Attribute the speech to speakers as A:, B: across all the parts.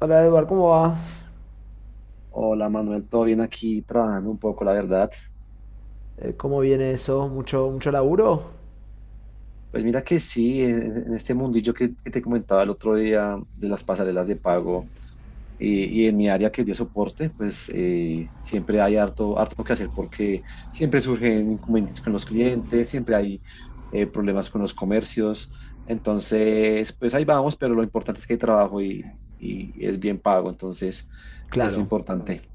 A: Hola Eduard, ¿cómo va?
B: Hola Manuel, todo bien aquí trabajando un poco, la verdad.
A: ¿Cómo viene eso? ¿Mucho laburo?
B: Pues mira que sí, en este mundillo que te comentaba el otro día de las pasarelas de pago y en mi área que es de soporte, pues siempre hay harto que hacer porque siempre surgen inconvenientes con los clientes, siempre hay problemas con los comercios. Entonces, pues ahí vamos, pero lo importante es que hay trabajo y es bien pago, entonces es lo
A: Claro.
B: importante.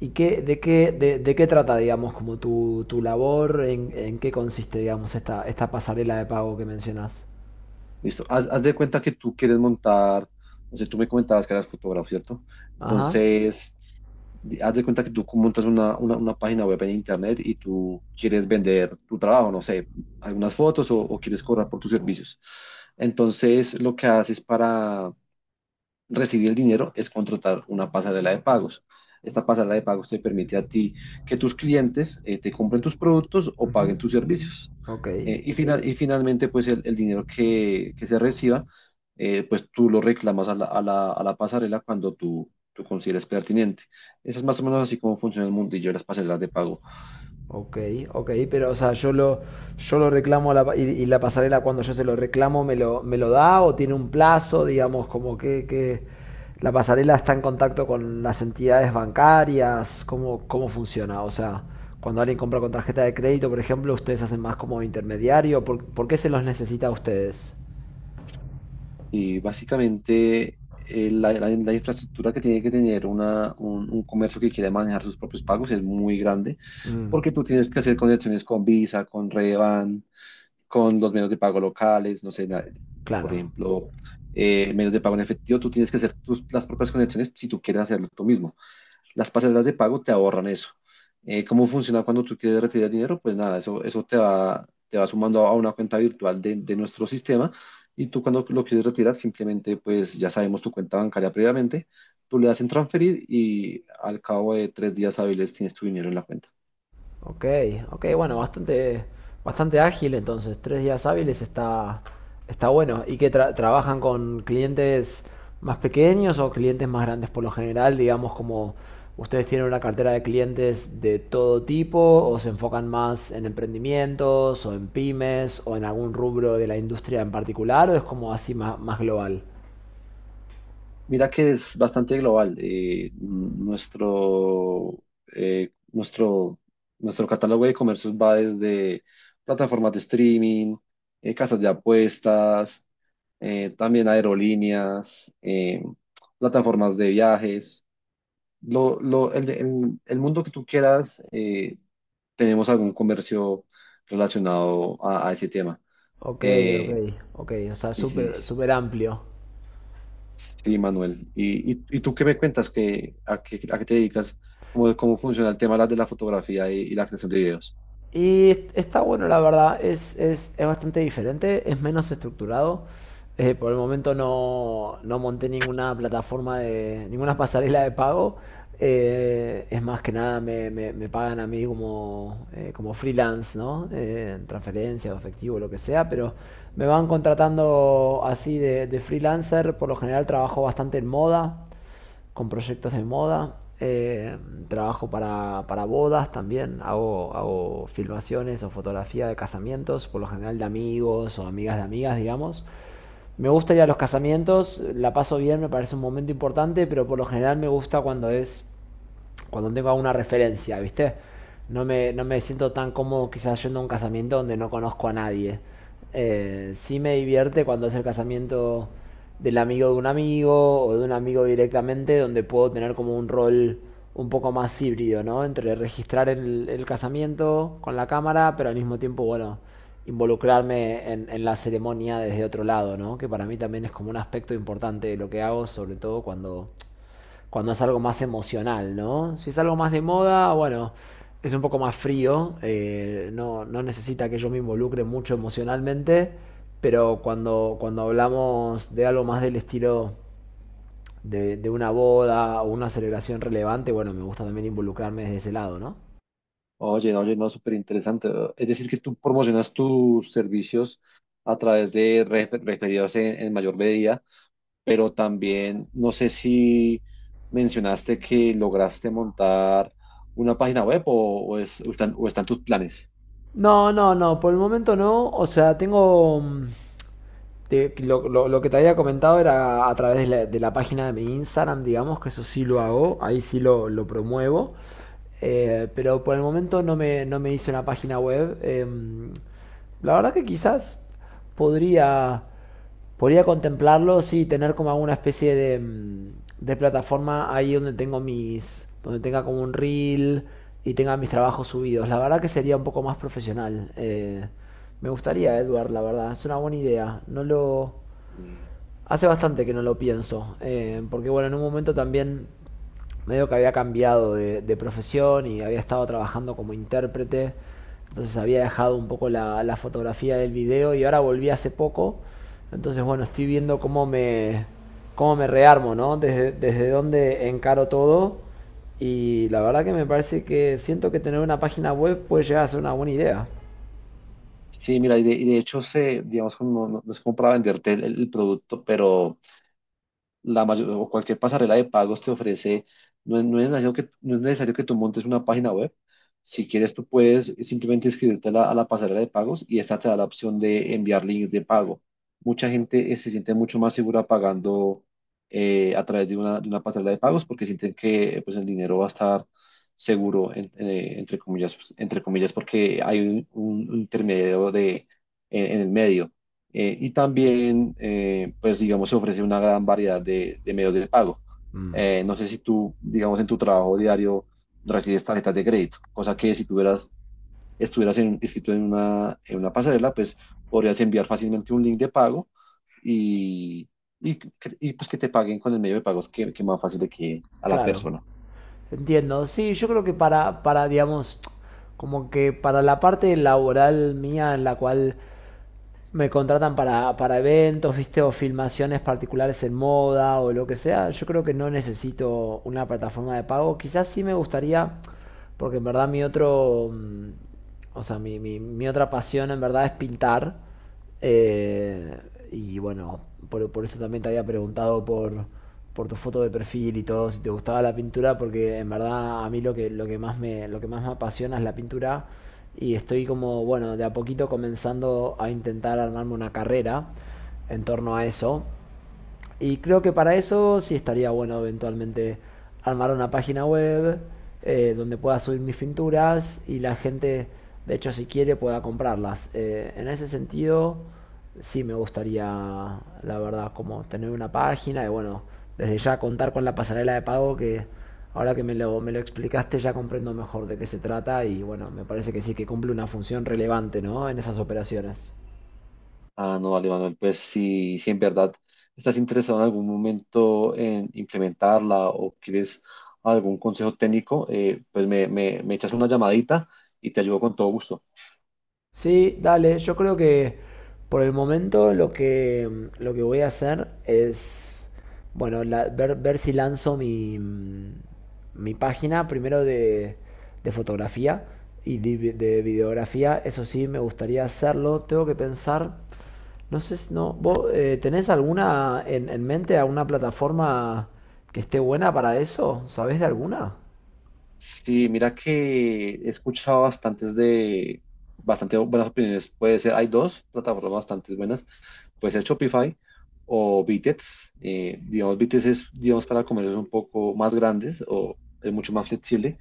A: ¿Y qué, de qué trata, digamos, como tu labor? ¿En qué consiste, digamos, esta pasarela de pago que mencionas?
B: Listo. Haz de cuenta que tú quieres montar, no sé, tú me comentabas que eras fotógrafo, ¿cierto?
A: Ajá.
B: Entonces, haz de cuenta que tú montas una página web en internet y tú quieres vender tu trabajo, no sé, algunas fotos o quieres cobrar por tus servicios. Entonces, lo que haces para recibir el dinero es contratar una pasarela de pagos. Esta pasarela de pagos te permite a ti que tus clientes te compren tus productos o
A: Ujú.
B: paguen tus servicios.
A: Ok.
B: Y finalmente, pues el dinero que se reciba, pues tú lo reclamas a la pasarela cuando tú consideres pertinente. Eso es más o menos así como funciona el mundillo de las pasarelas de pago.
A: Ok, ok, pero o sea, yo lo reclamo a la y la pasarela cuando yo se lo reclamo me lo da o tiene un plazo, digamos, como que la pasarela está en contacto con las entidades bancarias, cómo funciona? O sea, cuando alguien compra con tarjeta de crédito, por ejemplo, ustedes hacen más como intermediario, por qué se los necesita a ustedes?
B: Y básicamente la infraestructura que tiene que tener un comercio que quiere manejar sus propios pagos es muy grande,
A: Mm,
B: porque tú tienes que hacer conexiones con Visa, con Revan, con los medios de pago locales, no sé, por
A: claro.
B: ejemplo, medios de pago en efectivo, tú tienes que hacer tus, las propias conexiones si tú quieres hacerlo tú mismo. Las pasarelas de pago te ahorran eso. ¿Cómo funciona cuando tú quieres retirar dinero? Pues nada, eso, te va sumando a una cuenta virtual de nuestro sistema y tú cuando lo quieres retirar simplemente pues ya sabemos tu cuenta bancaria previamente, tú le das en transferir y al cabo de tres días hábiles tienes tu dinero en la cuenta.
A: Ok, ok, bueno, bastante ágil entonces, tres días hábiles está, está bueno. ¿Y que trabajan con clientes más pequeños o clientes más grandes por lo general? Digamos, como ustedes tienen una cartera de clientes de todo tipo o se enfocan más en emprendimientos o en pymes o en algún rubro de la industria en particular o es como así más global.
B: Mira que es bastante global. Eh, nuestro, Nuestro catálogo de comercios va desde plataformas de streaming, casas de apuestas, también aerolíneas, plataformas de viajes, el mundo que tú quieras, tenemos algún comercio relacionado a ese tema.
A: Ok, ok,
B: Eh,
A: ok, o sea,
B: sí,
A: súper amplio.
B: sí, Manuel. ¿Y tú qué me cuentas? ¿A qué te dedicas? Cómo funciona el tema de la fotografía y la creación de videos?
A: Y está bueno, la verdad, es bastante diferente, es menos estructurado. Por el momento no monté ninguna plataforma de, ninguna pasarela de pago. Es más que nada me pagan a mí como, como freelance, ¿no? En transferencia o efectivo, lo que sea, pero me van contratando así de freelancer. Por lo general trabajo bastante en moda con proyectos de moda. Trabajo para bodas también. Hago filmaciones o fotografía de casamientos, por lo general de amigos o amigas de amigas, digamos. Me gusta ir a los casamientos, la paso bien, me parece un momento importante, pero por lo general me gusta cuando tengo alguna referencia, ¿viste? No me siento tan cómodo quizás yendo a un casamiento donde no conozco a nadie. Sí me divierte cuando es el casamiento del amigo de un amigo o de un amigo directamente, donde puedo tener como un rol un poco más híbrido, ¿no? Entre registrar el casamiento con la cámara, pero al mismo tiempo, bueno, involucrarme en la ceremonia desde otro lado, ¿no? Que para mí también es como un aspecto importante de lo que hago, sobre todo cuando es algo más emocional, ¿no? Si es algo más de moda, bueno, es un poco más frío, no, no necesita que yo me involucre mucho emocionalmente, pero cuando hablamos de algo más del estilo de una boda o una celebración relevante, bueno, me gusta también involucrarme desde ese lado, ¿no?
B: Oye, no, súper interesante. Es decir, que tú promocionas tus servicios a través de referidos en mayor medida pero también no sé si mencionaste que lograste montar una página web o están tus planes.
A: No, no, no, por el momento no, o sea, Lo que te había comentado era a través de la página de mi Instagram, digamos, que eso sí lo hago, ahí sí lo promuevo. Pero por el momento no me hice una página web. La verdad que quizás podría. Podría contemplarlo, sí, tener como alguna especie de de plataforma ahí donde tengo mis, donde tenga como un reel y tenga mis trabajos subidos. La verdad que sería un poco más profesional. Me gustaría, Edward, la verdad, es una buena idea. No lo,
B: Mm.
A: Hace bastante que no lo pienso, porque bueno, en un momento también medio que había cambiado de profesión y había estado trabajando como intérprete, entonces había dejado un poco la fotografía del video y ahora volví hace poco, entonces bueno, estoy viendo cómo me rearmo, ¿no? Desde dónde encaro todo y la verdad que me parece que siento que tener una página web puede llegar a ser una buena idea,
B: Sí, mira, y de hecho, se, digamos, como no, no es como para venderte el producto, pero la mayor, o cualquier pasarela de pagos te ofrece, no es necesario que, no es necesario que tú montes una página web. Si quieres, tú puedes simplemente inscribirte a la pasarela de pagos y esta te da la opción de enviar links de pago. Mucha gente se siente mucho más segura pagando a través de de una pasarela de pagos porque sienten que pues, el dinero va a estar seguro, entre comillas, pues, entre comillas, porque hay un intermediario de, en el medio. Y también, pues digamos, se ofrece una gran variedad de medios de pago. No sé si tú, digamos, en tu trabajo diario recibes tarjetas de crédito, cosa que si tuvieras, estuvieras inscrito en una pasarela, pues podrías enviar fácilmente un link de pago y, pues que te paguen con el medio de pagos que más fácil de que a la
A: claro.
B: persona.
A: Entiendo, sí, yo creo que para, digamos, como que para la parte laboral mía en la cual me contratan para eventos, viste, o filmaciones particulares en moda o lo que sea, yo creo que no necesito una plataforma de pago. Quizás sí me gustaría porque en verdad o sea, mi otra pasión en verdad es pintar. eh, y bueno, por eso también te había preguntado por tu foto de perfil y todo, si te gustaba la pintura, porque en verdad a mí lo que más me apasiona es la pintura. Y estoy como, bueno, de a poquito comenzando a intentar armarme una carrera en torno a eso. Y creo que para eso sí estaría bueno eventualmente armar una página web donde pueda subir mis pinturas y la gente, de hecho, si quiere, pueda comprarlas. En ese sentido, sí me gustaría, la verdad, como tener una página y bueno, desde ya contar con la pasarela de pago que ahora que me lo explicaste ya comprendo mejor de qué se trata y bueno, me parece que sí que cumple una función relevante, ¿no? En esas operaciones.
B: Ah, no, vale, Manuel, pues si en verdad estás interesado en algún momento en implementarla o quieres algún consejo técnico, pues me echas una llamadita y te ayudo con todo gusto.
A: Sí, dale, yo creo que por el momento lo que voy a hacer es, bueno, ver si lanzo mi, mi página primero de fotografía y de, de videografía, eso sí, me gustaría hacerlo, tengo que pensar, no sé, si- no, ¿vos tenés alguna en mente, alguna plataforma que esté buena para eso? ¿Sabés de alguna?
B: Sí, mira que he escuchado bastante buenas opiniones. Puede ser, hay dos plataformas bastante buenas, puede ser Shopify o Bitets. Digamos, Bitets es, digamos, para comercios un poco más grandes o es mucho más flexible.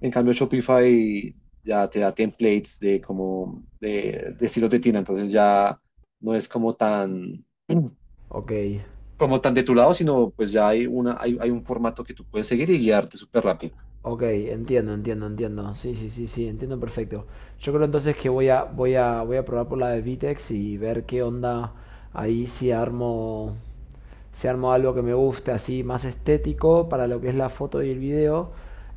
B: En cambio, Shopify ya te da templates de de estilos de tienda, entonces ya no es
A: Ok.
B: como tan de tu lado, sino pues ya hay hay un formato que tú puedes seguir y guiarte súper rápido.
A: Ok, entiendo, entiendo, entiendo. Sí, sí, sí, sí, entiendo perfecto. Yo creo entonces que voy a probar por la de Vitex y ver qué onda ahí si armo algo que me guste, así más estético para lo que es la foto y el video.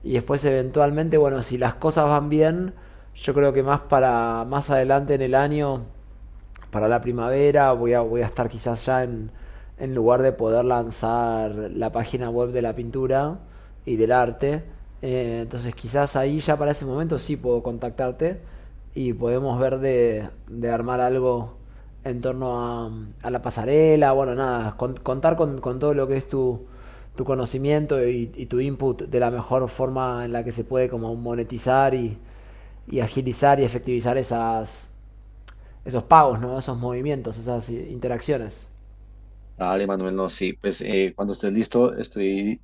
A: Y después eventualmente, bueno, si las cosas van bien, yo creo que más adelante en el año para la primavera voy a estar quizás ya en lugar de poder lanzar la página web de la pintura y del arte. Entonces quizás ahí ya para ese momento sí puedo contactarte y podemos ver de armar algo en torno a la pasarela, bueno, nada, contar con todo lo que es tu, tu conocimiento y tu input de la mejor forma en la que se puede como monetizar y agilizar y efectivizar esas, esos pagos, ¿no? Esos movimientos, esas interacciones.
B: Dale, Manuel, no, sí, pues cuando estés listo estoy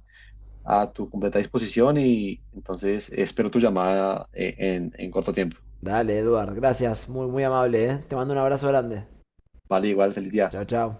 B: a tu completa disposición y entonces espero tu llamada en corto tiempo.
A: Dale, Eduard, gracias, muy amable, ¿eh? Te mando un abrazo grande.
B: Vale, igual, feliz día.
A: Chao, chao.